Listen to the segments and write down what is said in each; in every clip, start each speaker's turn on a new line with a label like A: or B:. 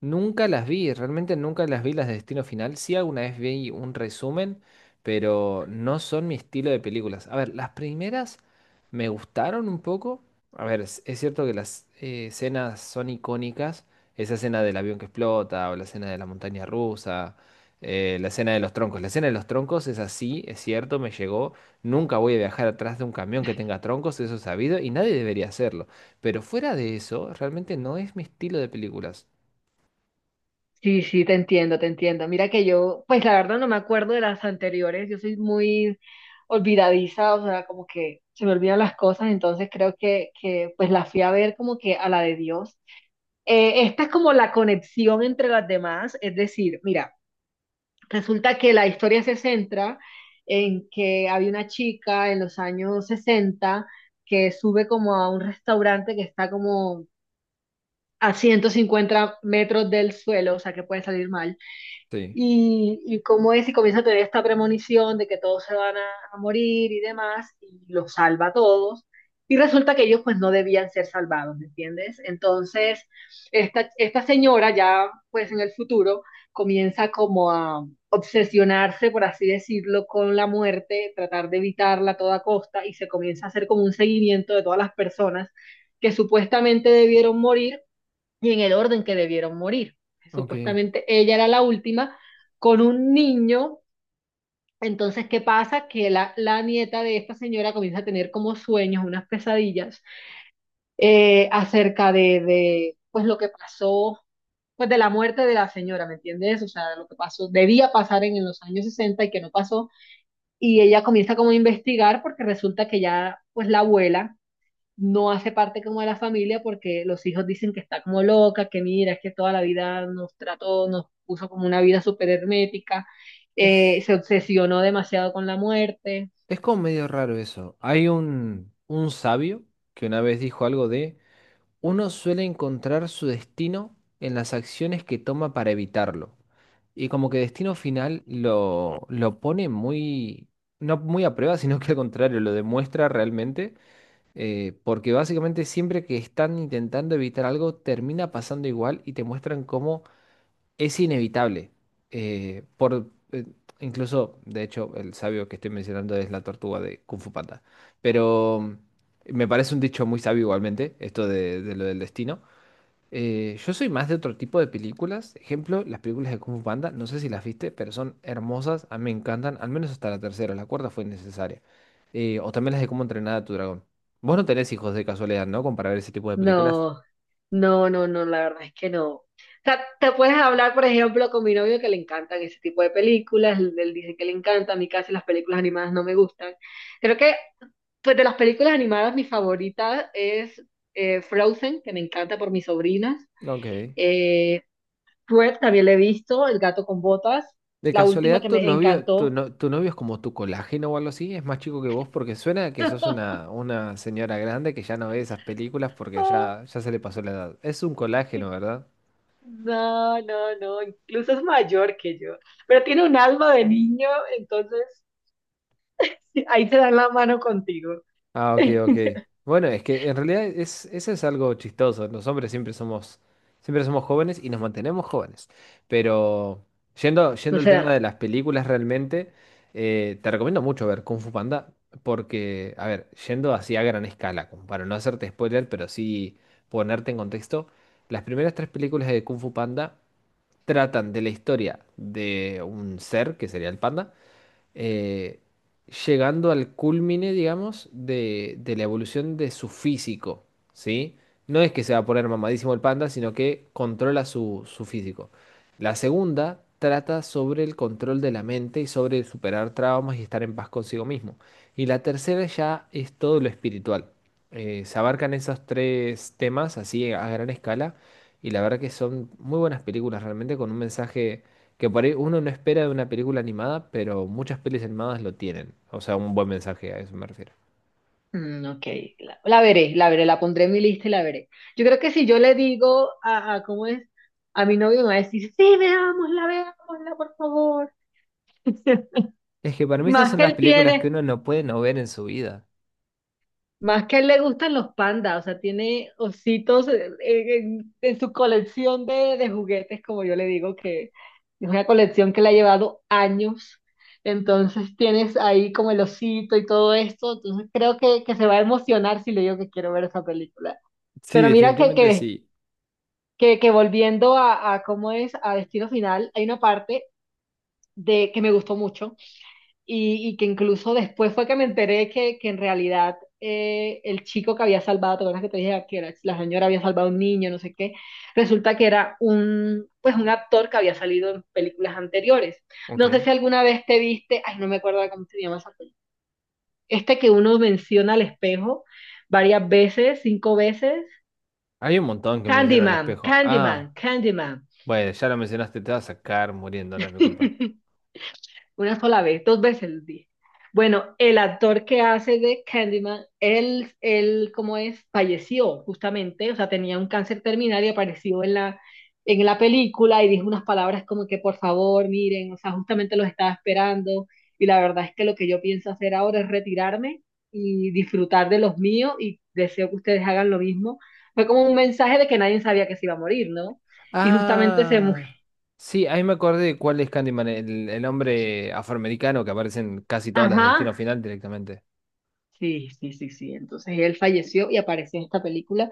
A: Nunca las vi, realmente nunca las vi las de Destino Final. Sí, alguna vez vi un resumen, pero no son mi estilo de películas. A ver, las primeras me gustaron un poco. A ver, es cierto que las escenas son icónicas. Esa escena del avión que explota, o la escena de la montaña rusa, la escena de los troncos. La escena de los troncos es así, es cierto, me llegó. Nunca voy a viajar atrás de un camión que tenga troncos, eso es sabido, y nadie debería hacerlo. Pero fuera de eso, realmente no es mi estilo de películas.
B: Sí, sí, te entiendo, te entiendo. Mira que yo, pues la verdad no me acuerdo de las anteriores, yo soy muy olvidadiza, o sea, como que se me olvidan las cosas, entonces creo que pues la fui a ver como que a la de Dios. Esta es como la conexión entre las demás, es decir, mira, resulta que la historia se centra en que había una chica en los años 60 que sube como a un restaurante que está como a 150 metros del suelo, o sea, que puede salir mal
A: Sí.
B: y cómo es y comienza a tener esta premonición de que todos se van a morir y demás, y los salva a todos. Y resulta que ellos pues no debían ser salvados, ¿me entiendes? Entonces, esta señora ya pues en el futuro comienza como a obsesionarse, por así decirlo, con la muerte, tratar de evitarla a toda costa y se comienza a hacer como un seguimiento de todas las personas que supuestamente debieron morir y en el orden que debieron morir.
A: Ok.
B: Supuestamente ella era la última con un niño. Entonces, ¿qué pasa? Que la nieta de esta señora comienza a tener como sueños, unas pesadillas acerca de pues, lo que pasó, pues, de la muerte de la señora, ¿me entiendes? O sea, lo que pasó, debía pasar en los años 60 y que no pasó. Y ella comienza como a investigar porque resulta que ya, pues, la abuela no hace parte como de la familia porque los hijos dicen que está como loca, que mira, es que toda la vida nos trató, nos puso como una vida súper hermética,
A: Es,
B: se obsesionó demasiado con la muerte.
A: es como medio raro eso. Hay un sabio que una vez dijo algo de, uno suele encontrar su destino en las acciones que toma para evitarlo. Y como que destino final lo pone no muy a prueba, sino que al contrario, lo demuestra realmente, porque básicamente siempre que están intentando evitar algo, termina pasando igual y te muestran cómo es inevitable. eh, por, eh, Incluso, de hecho, el sabio que estoy mencionando es la tortuga de Kung Fu Panda. Pero me parece un dicho muy sabio igualmente, esto de lo del destino. Yo soy más de otro tipo de películas. Ejemplo, las películas de Kung Fu Panda, no sé si las viste, pero son hermosas, a mí me encantan, al menos hasta la tercera, la cuarta fue innecesaria. O también las de Cómo entrenar a tu dragón. Vos no tenés hijos de casualidad, ¿no? Como para ver ese tipo de películas.
B: No, no, no, no, la verdad es que no. O sea, te puedes hablar, por ejemplo, con mi novio que le encantan ese tipo de películas, él dice que le encanta, a mí casi las películas animadas no me gustan. Creo que pues, de las películas animadas mi favorita es Frozen, que me encanta por mis sobrinas.
A: Ok.
B: Eh, Shrek también le he visto, El gato con botas,
A: De
B: la última
A: casualidad,
B: que
A: tu
B: me
A: novio, tu,
B: encantó.
A: no- tu novio es como tu colágeno o algo así, es más chico que vos porque suena que sos una señora grande que ya no ve esas películas porque
B: Ah,
A: ya se le pasó la edad. Es un colágeno,
B: qué-
A: ¿verdad?
B: no, no, no, incluso es mayor que yo, pero tiene un alma de niño, entonces sí, ahí se dan la mano contigo.
A: Ah, ok, ok. Bueno, es que en realidad es, eso es algo chistoso. Los hombres siempre somos jóvenes y nos mantenemos jóvenes. Pero
B: No
A: yendo al
B: se
A: tema
B: dan.
A: de las películas realmente, te recomiendo mucho ver Kung Fu Panda porque, a ver, yendo así a gran escala, como para no hacerte spoiler, pero sí ponerte en contexto, las primeras tres películas de Kung Fu Panda tratan de la historia de un ser, que sería el panda, eh, llegando al culmine, digamos, de la evolución de su físico, ¿sí? No es que se va a poner mamadísimo el panda, sino que controla su físico. La segunda trata sobre el control de la mente y sobre superar traumas y estar en paz consigo mismo. Y la tercera ya es todo lo espiritual. Se abarcan esos tres temas así a gran escala y la verdad que son muy buenas películas realmente con un mensaje que por ahí uno no espera de una película animada, pero muchas pelis animadas lo tienen. O sea, un buen mensaje, a eso me refiero.
B: Mm, ok, la veré, la veré, la pondré en mi lista y la veré. Yo creo que si yo le digo a ¿cómo es? A mi novio me va a decir, sí, veámosla, veámosla, por favor.
A: Es que para mí esas
B: Más
A: son
B: que
A: las
B: él
A: películas que
B: tiene.
A: uno no puede no ver en su vida.
B: Más que a él le gustan los pandas, o sea, tiene ositos en su colección de juguetes, como yo le digo, que es una colección que le ha llevado años. Entonces tienes ahí como el osito y todo esto, entonces creo que se va a emocionar si le digo que quiero ver esa película.
A: Sí,
B: Pero mira que,
A: definitivamente
B: que,
A: sí.
B: que, que volviendo a cómo es a Destino Final, hay una parte de que me gustó mucho y que incluso después fue que me enteré que en realidad el chico que había salvado, ¿te acuerdas que te dije que la señora había salvado a un niño, no sé qué? Resulta que era un, pues un actor que había salido en películas anteriores. No sé
A: Ok.
B: si alguna vez te viste, ay, no me acuerdo cómo se llama esa película. Este que uno menciona al espejo varias veces, 5 veces.
A: Hay un montón que menciono el
B: Candyman,
A: espejo. Ah,
B: Candyman, Candyman.
A: bueno, ya lo mencionaste, te vas a sacar muriendo, no es mi culpa.
B: Una sola vez, 2 veces lo dije. Bueno, el actor que hace de Candyman, ¿cómo es? Falleció justamente, o sea, tenía un cáncer terminal y apareció en en la película y dijo unas palabras como que, por favor, miren, o sea, justamente los estaba esperando y la verdad es que lo que yo pienso hacer ahora es retirarme y disfrutar de los míos y deseo que ustedes hagan lo mismo. Fue como un mensaje de que nadie sabía que se iba a morir, ¿no? Y justamente se murió.
A: Ah, sí, ahí me acordé de cuál es Candyman, el hombre afroamericano que aparece en casi todas las de Destino
B: Ajá,
A: Final directamente.
B: sí, sí, sí, sí. Entonces él falleció y apareció en esta película.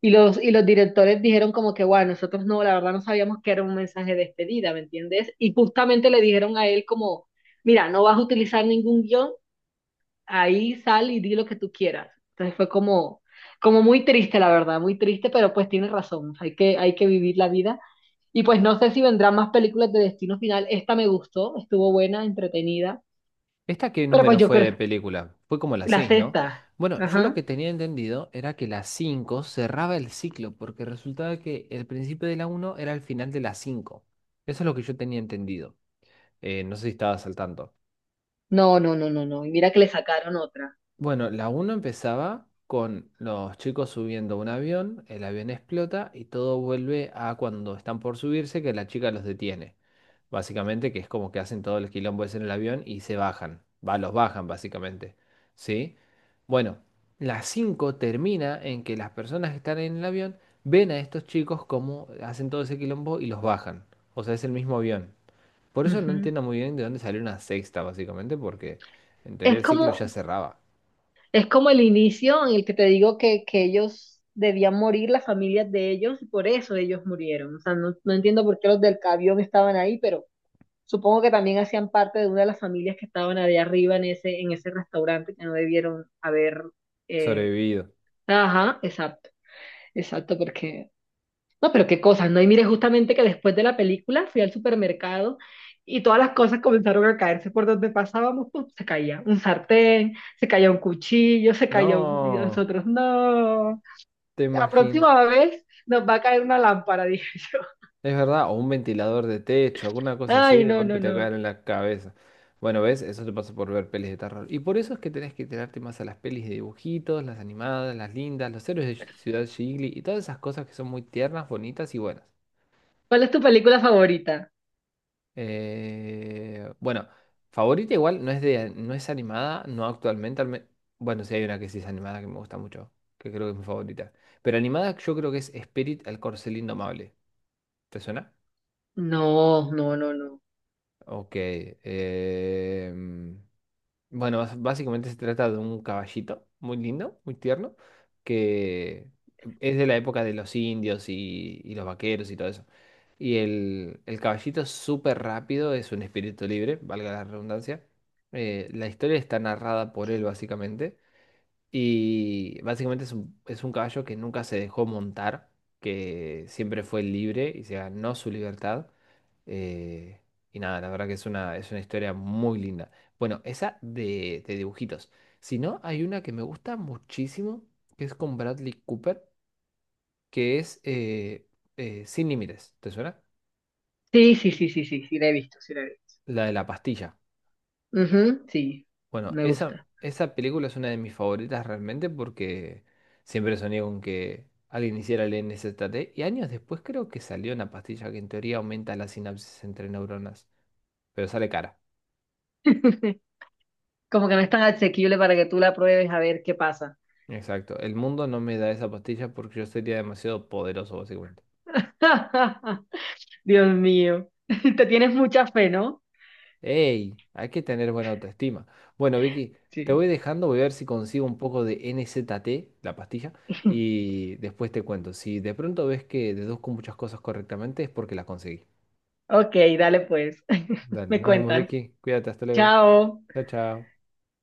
B: Y los directores dijeron como que, bueno, nosotros no, la verdad no sabíamos que era un mensaje de despedida, ¿me entiendes? Y justamente le dijeron a él como, mira, no vas a utilizar ningún guión, ahí sal y di lo que tú quieras. Entonces fue como, como muy triste, la verdad, muy triste, pero pues tiene razón, hay hay que vivir la vida. Y pues no sé si vendrán más películas de Destino Final. Esta me gustó, estuvo buena, entretenida,
A: ¿Esta qué
B: pero
A: número
B: pues yo
A: fue
B: creo,
A: de película? Fue como la
B: la
A: 6, ¿no?
B: sexta.
A: Bueno, yo lo
B: Ajá.
A: que tenía entendido era que la 5 cerraba el ciclo, porque resultaba que el principio de la uno era el final de la 5. Eso es lo que yo tenía entendido. No sé si estabas al tanto.
B: No, no, no, no, no. Y mira que le sacaron otra.
A: Bueno, la uno empezaba con los chicos subiendo a un avión, el avión explota y todo vuelve a cuando están por subirse, que la chica los detiene. Básicamente, que es como que hacen todo el quilombo ese en el avión y se bajan, va, los bajan básicamente, ¿sí? Bueno, las 5 termina en que las personas que están en el avión ven a estos chicos cómo hacen todo ese quilombo y los bajan, o sea, es el mismo avión. Por eso no
B: Ujú.
A: entiendo muy bien de dónde salió una sexta, básicamente, porque en teoría
B: Es
A: el ciclo ya
B: como,
A: cerraba.
B: es como el inicio en el que te digo que ellos debían morir, las familias de ellos, y por eso ellos murieron. O sea, no, no entiendo por qué los del avión estaban ahí, pero supongo que también hacían parte de una de las familias que estaban allá arriba en ese restaurante que no debieron haber. eh,
A: Sobrevivido.
B: Ajá, exacto, exacto, porque no, pero qué cosas, ¿no? Y mire, justamente que después de la película fui al supermercado y todas las cosas comenzaron a caerse por donde pasábamos, ¡pum! Se caía un sartén, se caía un cuchillo, se caía un... y
A: No,
B: nosotros, no,
A: te
B: la
A: imaginas.
B: próxima vez nos va a caer una lámpara, dije yo.
A: Es verdad, o un ventilador de techo, alguna cosa así,
B: Ay,
A: de
B: no,
A: golpe
B: no,
A: te
B: no.
A: caen en la cabeza. Bueno, ¿ves? Eso te pasa por ver pelis de terror. Y por eso es que tenés que tirarte más a las pelis de dibujitos, las animadas, las lindas, los héroes de Ciudad Ghibli y todas esas cosas que son muy tiernas, bonitas y buenas.
B: ¿Cuál es tu película favorita?
A: Bueno, favorita igual no es de, no es animada, no actualmente. Bueno, sí hay una que sí es animada que me gusta mucho, que creo que es mi favorita. Pero animada yo creo que es Spirit, el corcel indomable. ¿Te suena?
B: No, no, no, no.
A: Ok. em, Bueno, básicamente se trata de un caballito muy lindo, muy tierno, que es de la época de los indios y los vaqueros y todo eso. Y el caballito es súper rápido, es un espíritu libre, valga la redundancia. La historia está narrada por él, básicamente. Y básicamente es es un caballo que nunca se dejó montar, que siempre fue libre y se ganó su libertad. Eh, y nada, la verdad que es es una historia muy linda. Bueno, esa de dibujitos. Si no, hay una que me gusta muchísimo, que es con Bradley Cooper, que es Sin Límites. ¿Te suena?
B: Sí, sí, sí, sí, sí, sí, la he visto, sí, la he visto.
A: La de la pastilla.
B: Ujú, sí,
A: Bueno,
B: me gusta.
A: esa película es una de mis favoritas realmente porque siempre soñé con que alguien hiciera el NZT y años después creo que salió una pastilla que en teoría aumenta la sinapsis entre neuronas, pero sale cara.
B: Como que no es tan asequible para que tú la pruebes a ver qué pasa.
A: Exacto, el mundo no me da esa pastilla porque yo sería demasiado poderoso básicamente.
B: Dios mío, te tienes mucha fe, ¿no?
A: ¡Ey! Hay que tener buena autoestima. Bueno, Vicky, te
B: Sí.
A: voy dejando, voy a ver si consigo un poco de N-Z-T, la pastilla, y después te cuento. Si de pronto ves que deduzco muchas cosas correctamente es porque las conseguí.
B: Ok, dale pues,
A: Dale,
B: me
A: nos vemos,
B: cuentas.
A: Vicky. Cuídate, hasta luego.
B: Chao.
A: Chao, chao.